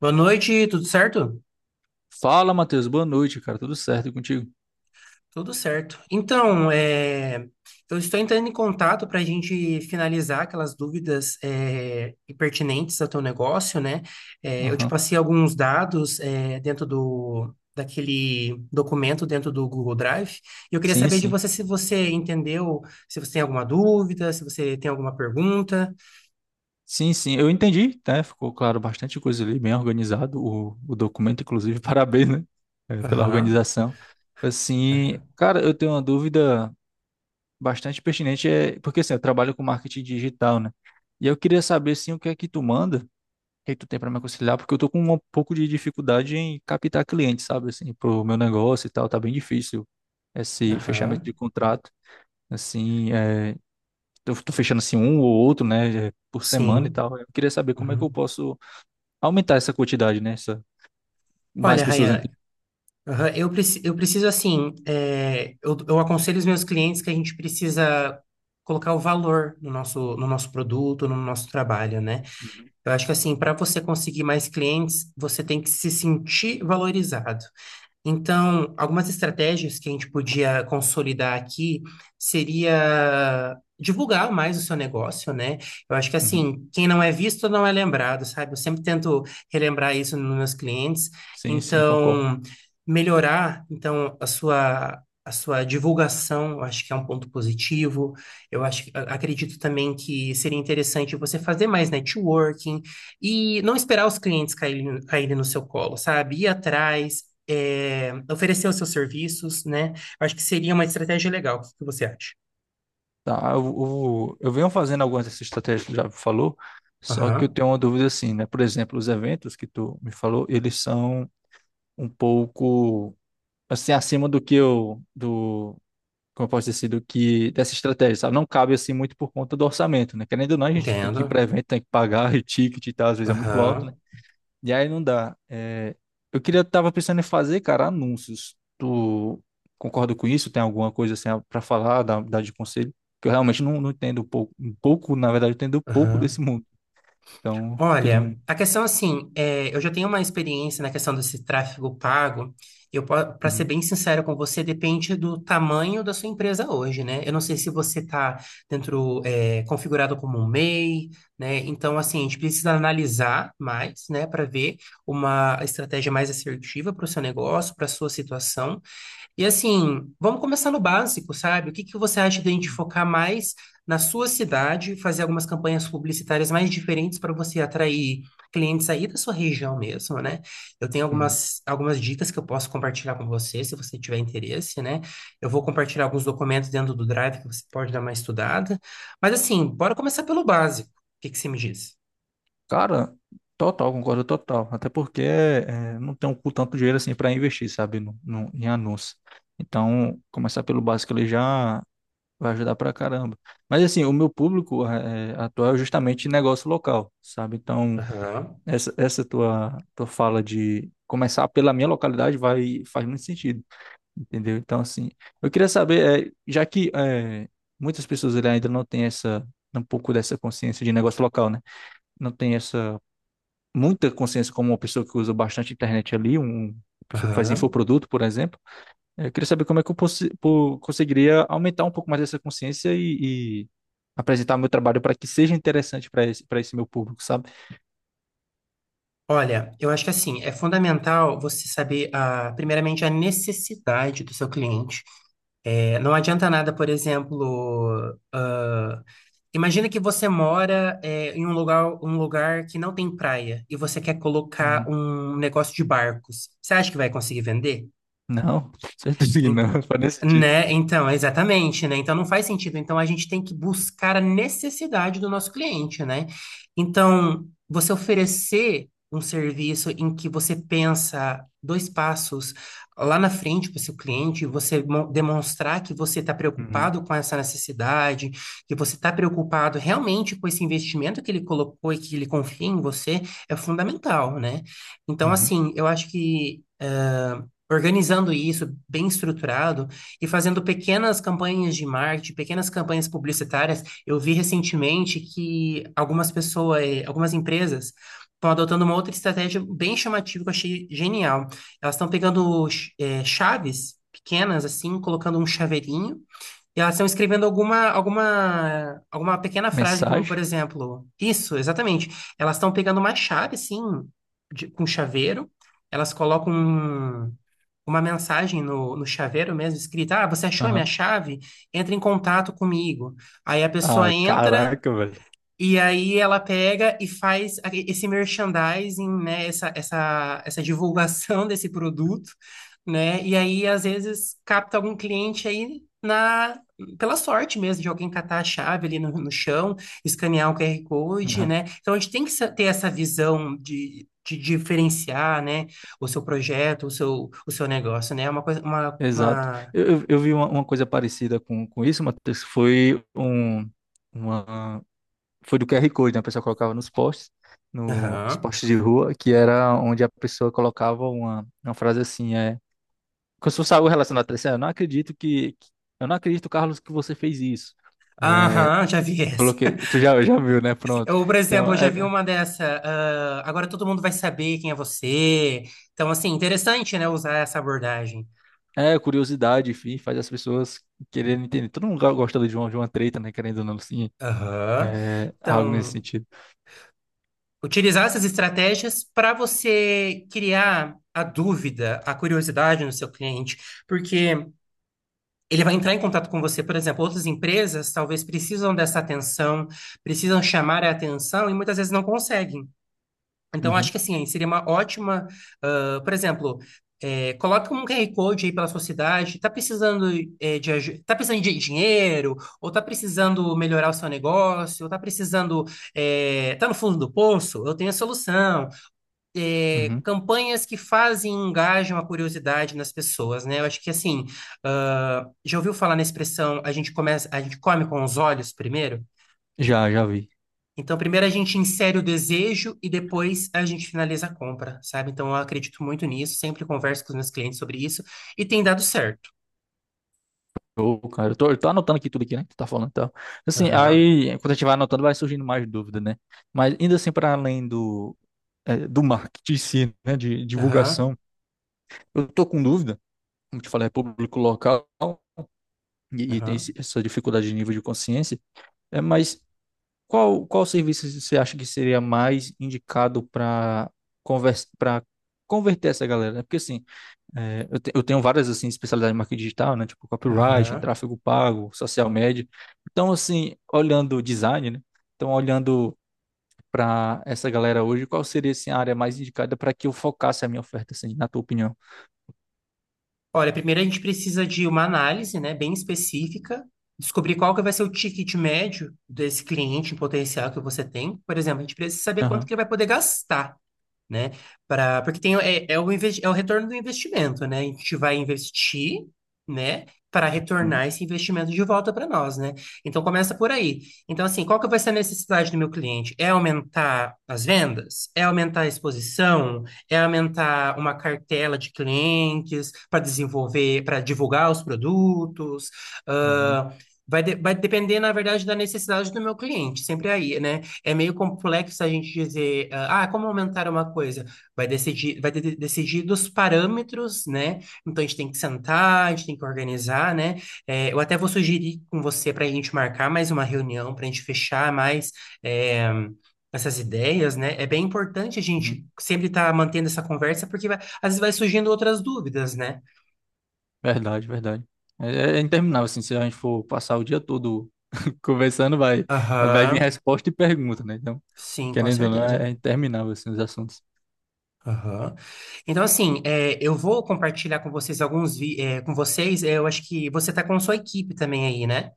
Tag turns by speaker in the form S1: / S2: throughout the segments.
S1: Boa noite, tudo certo?
S2: Fala, Matheus. Boa noite, cara. Tudo certo e contigo?
S1: Tudo certo. Eu estou entrando em contato para a gente finalizar aquelas dúvidas pertinentes ao teu negócio, né? É, eu te
S2: Aham.
S1: passei alguns dados dentro do daquele documento dentro do Google Drive. E eu queria
S2: Sim,
S1: saber de
S2: sim.
S1: você se você entendeu, se você tem alguma dúvida, se você tem alguma pergunta.
S2: Sim, sim, eu entendi, né? Ficou claro bastante coisa ali, bem organizado o documento, inclusive. Parabéns, né? É, pela
S1: Aham,
S2: organização. Assim,
S1: aham,
S2: cara, eu tenho uma dúvida bastante pertinente, é, porque assim, eu trabalho com marketing digital, né? E eu queria saber, assim, o que é que tu manda, o que é que tu tem para me aconselhar, porque eu tô com um pouco de dificuldade em captar clientes, sabe? Assim, pro meu negócio e tal, tá bem difícil esse fechamento de
S1: aham.
S2: contrato. Assim, é, eu tô fechando assim um ou outro, né, por semana e
S1: Sim.
S2: tal. Eu queria saber como é que eu
S1: Uhum.
S2: posso aumentar essa quantidade, né? Essa... Mais
S1: Olha,
S2: pessoas
S1: Rayan,
S2: entram.
S1: aham. Eu preciso, assim, eu aconselho os meus clientes que a gente precisa colocar o valor no nosso produto, no nosso trabalho, né?
S2: Uhum.
S1: Eu acho que, assim, para você conseguir mais clientes, você tem que se sentir valorizado. Então, algumas estratégias que a gente podia consolidar aqui seria divulgar mais o seu negócio, né? Eu acho que
S2: Uhum.
S1: assim, quem não é visto não é lembrado, sabe? Eu sempre tento relembrar isso nos meus clientes.
S2: Sim, sim, concordo.
S1: Então, melhorar então a sua divulgação, eu acho que é um ponto positivo. Eu acredito também que seria interessante você fazer mais networking e não esperar os clientes caírem, caírem no seu colo, sabe? Ir atrás oferecer os seus serviços, né? Eu acho que seria uma estratégia legal. O que que você acha?
S2: Tá, eu venho fazendo algumas dessas estratégias que tu já falou, só que eu
S1: Aham,
S2: tenho uma dúvida assim, né? Por exemplo, os eventos que tu me falou, eles são um pouco assim acima do que eu do como eu posso dizer, assim, do que dessa estratégia, sabe? Não cabe assim muito por conta do orçamento, né? Querendo ou não, a gente tem que ir
S1: entendo.
S2: para evento, tem que pagar e ticket e tal, às vezes é muito alto, né?
S1: Aham,
S2: E aí não dá. É, eu queria, tava pensando em fazer, cara, anúncios. Tu concorda com isso? Tem alguma coisa assim para falar, dar de conselho? Que eu realmente não, não entendo um pouco, na verdade, eu entendo um pouco desse
S1: aham.
S2: mundo. Então, queria um.
S1: Olha, a questão eu já tenho uma experiência na questão desse tráfego pago. Eu, para ser
S2: Uhum,
S1: bem sincero com você, depende do tamanho da sua empresa hoje, né? Eu não sei se você está dentro, configurado como um MEI, né? Então, assim, a gente precisa analisar mais, né, para ver uma estratégia mais assertiva para o seu negócio, para a sua situação. E assim, vamos começar no básico, sabe? O que que você acha de a gente focar mais na sua cidade, fazer algumas campanhas publicitárias mais diferentes para você atrair clientes aí da sua região mesmo, né? Eu tenho
S2: uhum.
S1: algumas dicas que eu posso compartilhar com você, se você tiver interesse, né? Eu vou compartilhar alguns documentos dentro do Drive que você pode dar uma estudada. Mas assim, bora começar pelo básico. O que que você me diz?
S2: Cara, total, concordo total. Até porque é, não tenho com tanto dinheiro assim para investir, sabe, em anúncios. Então, começar pelo básico ele já vai ajudar pra caramba. Mas assim, o meu público é, atual é justamente negócio local, sabe? Então.
S1: Aham,
S2: Essa tua, tua fala de começar pela minha localidade vai, faz muito sentido, entendeu? Então, assim, eu queria saber, é, já que é, muitas pessoas ele ainda não têm essa, um pouco dessa consciência de negócio local, né? Não tem essa, muita consciência como uma pessoa que usa bastante internet ali, um, uma pessoa que faz
S1: aham.
S2: infoproduto, por exemplo. Eu queria saber como é que eu conseguiria aumentar um pouco mais essa consciência e apresentar meu trabalho para que seja interessante para esse meu público, sabe?
S1: Olha, eu acho que assim, é fundamental você saber, ah, primeiramente, a necessidade do seu cliente. É, não adianta nada, por exemplo, ah, imagina que você em um lugar que não tem praia e você quer colocar
S2: Uhum.
S1: um negócio de barcos. Você acha que vai conseguir vender?
S2: Não, com certeza que
S1: Ent-
S2: não, faz nem sentido.
S1: Né? Então, exatamente, né? Então não faz sentido. Então a gente tem que buscar a necessidade do nosso cliente, né? Então, você oferecer um serviço em que você pensa dois passos lá na frente para o seu cliente, você demonstrar que você está
S2: Uhum,
S1: preocupado com essa necessidade, que você está preocupado realmente com esse investimento que ele colocou e que ele confia em você, é fundamental, né? Então,
S2: uhum.
S1: assim, eu acho que, organizando isso bem estruturado e fazendo pequenas campanhas de marketing, pequenas campanhas publicitárias. Eu vi recentemente que algumas pessoas, algumas empresas estão adotando uma outra estratégia bem chamativa que eu achei genial. Elas estão pegando chaves pequenas assim, colocando um chaveirinho. E elas estão escrevendo alguma pequena frase, como por
S2: Mensagem?
S1: exemplo, isso, exatamente. Elas estão pegando uma chave, assim, com chaveiro, elas colocam um- uma mensagem no, no chaveiro mesmo, escrita, ah, você achou a minha
S2: Aham.
S1: chave? Entre em contato comigo. Aí a pessoa
S2: Ah,
S1: entra
S2: caraca, velho.
S1: e aí ela pega e faz esse merchandising, né? Essa divulgação desse produto, né? E aí, às vezes, capta algum cliente pela sorte mesmo, de alguém catar a chave ali no, no chão, escanear o QR Code,
S2: Aham,
S1: né? Então, a gente tem que ter essa visão de diferenciar, né? O seu projeto, o seu negócio, né? É uma coisa,
S2: exato.
S1: uma...
S2: Eu vi uma coisa parecida com isso, Matheus. Foi um, uma, foi do QR Code, né? A pessoa colocava nos posts, no, nos
S1: Aham,
S2: posts de rua, que era onde a pessoa colocava uma frase assim, é, como se fosse algo relacionado a três: "Ah, eu não acredito que- eu não acredito, Carlos, que você fez isso." É,
S1: aham, já vi essa.
S2: coloquei, tu já, já viu, né? Pronto.
S1: Eu, por
S2: Então,
S1: exemplo, já vi
S2: é.
S1: uma dessa. Ah, agora todo mundo vai saber quem é você. Então, assim, interessante, né, usar essa abordagem.
S2: É, curiosidade, enfim, faz as pessoas quererem entender. Todo mundo gosta de uma treta, né? Querendo ou não, assim,
S1: Aham.
S2: é, algo nesse
S1: Então,
S2: sentido.
S1: utilizar essas estratégias para você criar a dúvida, a curiosidade no seu cliente, porque ele vai entrar em contato com você. Por exemplo, outras empresas talvez precisam dessa atenção, precisam chamar a atenção e muitas vezes não conseguem. Então, acho que
S2: Uhum,
S1: assim, seria uma ótima, ah, por exemplo, coloca um QR Code aí pela sua cidade, está precisando, tá precisando de dinheiro, ou está precisando melhorar o seu negócio, ou está precisando, tá no fundo do poço, eu tenho a solução. Eh,
S2: uhum.
S1: campanhas que fazem, e engajam a curiosidade nas pessoas, né? Eu acho que assim, ah, já ouviu falar na expressão, a gente começa, a gente come com os olhos primeiro?
S2: Já, já vi.
S1: Então, primeiro a gente insere o desejo e depois a gente finaliza a compra, sabe? Então, eu acredito muito nisso, sempre converso com os meus clientes sobre isso e tem dado certo.
S2: Ô, cara, eu tô anotando aqui tudo aqui, né? Que tu tá falando e tal. Assim,
S1: Aham,
S2: aí, quando a gente vai anotando, vai surgindo mais dúvida, né? Mas ainda assim, para além do, é, do marketing em si, né? De
S1: aham,
S2: divulgação, eu tô com dúvida, como te falei, é público local e tem
S1: aham,
S2: essa dificuldade de nível de consciência. É, mas qual, qual serviço você acha que seria mais indicado para conversa, para converter essa galera, né? Porque assim, é, eu tenho várias assim especialidades em marketing digital, né? Tipo copyright,
S1: aham.
S2: tráfego pago, social media. Então assim, olhando o design, né? Então olhando para essa galera hoje, qual seria assim, a área mais indicada para que eu focasse a minha oferta, assim, na tua opinião?
S1: Olha, primeiro a gente precisa de uma análise, né, bem específica, descobrir qual que vai ser o ticket médio desse cliente em potencial que você tem. Por exemplo, a gente precisa saber quanto
S2: Aham.
S1: que ele vai poder gastar. Né? Pra, porque tem, é, é, o investi- é o retorno do investimento, né? A gente vai investir, né? Para
S2: Uhum.
S1: retornar esse investimento de volta para nós, né? Então começa por aí. Então, assim, qual que vai ser a necessidade do meu cliente? É aumentar as vendas? É aumentar a exposição? É aumentar uma cartela de clientes para desenvolver, para divulgar os produtos?
S2: Uhum.
S1: Ah, vai depender, na verdade, da necessidade do meu cliente, sempre aí, né? É meio complexo a gente dizer, como aumentar uma coisa? Vai decidir dos parâmetros, né? Então a gente tem que sentar, a gente tem que organizar, né? É, eu até vou sugerir com você para a gente marcar mais uma reunião, para a gente fechar mais é, essas ideias, né? É bem importante a gente sempre estar mantendo essa conversa, porque às vezes vai surgindo outras dúvidas, né?
S2: Verdade, verdade. É, é interminável, assim, se a gente for passar o dia todo conversando, vai, vai vir
S1: Aham,
S2: resposta e pergunta, né? Então,
S1: sim, com
S2: querendo ou não,
S1: certeza.
S2: é, é interminável, assim, os assuntos.
S1: Aham. Então, assim, é, eu vou compartilhar com vocês alguns, vi- é, com vocês, é, eu acho que você tá com sua equipe também aí, né?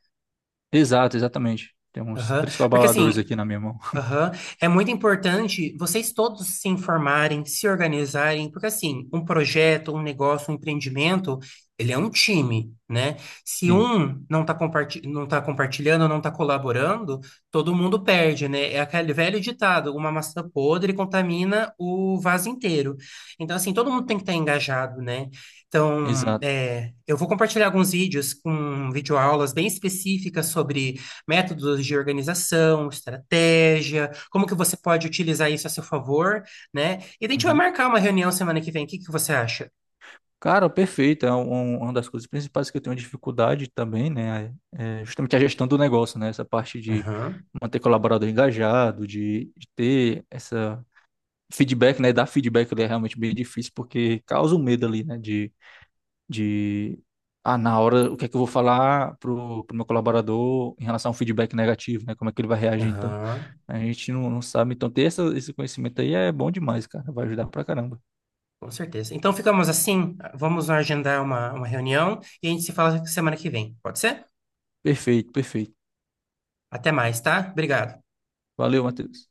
S2: Exato, exatamente. Tem uns
S1: Aham.
S2: três
S1: Porque,
S2: colaboradores
S1: assim,
S2: aqui na minha mão.
S1: aham. É muito importante vocês todos se informarem, se organizarem, porque assim, um projeto, um negócio, um empreendimento, ele é um time, né? Se
S2: Sim,
S1: um não tá compartilhando, não está colaborando, todo mundo perde, né? É aquele velho ditado, uma maçã podre contamina o vaso inteiro. Então, assim, todo mundo tem que estar engajado, né? Então,
S2: exato.
S1: é, eu vou compartilhar alguns vídeos com videoaulas bem específicas sobre métodos de organização, estratégia, como que você pode utilizar isso a seu favor, né? E a gente vai
S2: Uhum.
S1: marcar uma reunião semana que vem. O que que você acha?
S2: Cara, perfeito. É uma das coisas principais que eu tenho dificuldade também, né? É justamente a gestão do negócio, né? Essa parte de
S1: Aham,
S2: manter colaborador engajado, de ter essa feedback, né? Dar feedback ele é realmente bem difícil, porque causa o medo ali, né? De ah, na hora, o que é que eu vou falar pro, pro meu colaborador em relação ao feedback negativo, né? Como é que ele vai reagir, então?
S1: aham,
S2: A gente não, não sabe. Então, ter essa, esse conhecimento aí é bom demais, cara. Vai ajudar pra caramba.
S1: com certeza. Então ficamos assim, vamos agendar uma reunião e a gente se fala semana que vem. Pode ser?
S2: Perfeito, perfeito.
S1: Até mais, tá? Obrigado.
S2: Valeu, Matheus.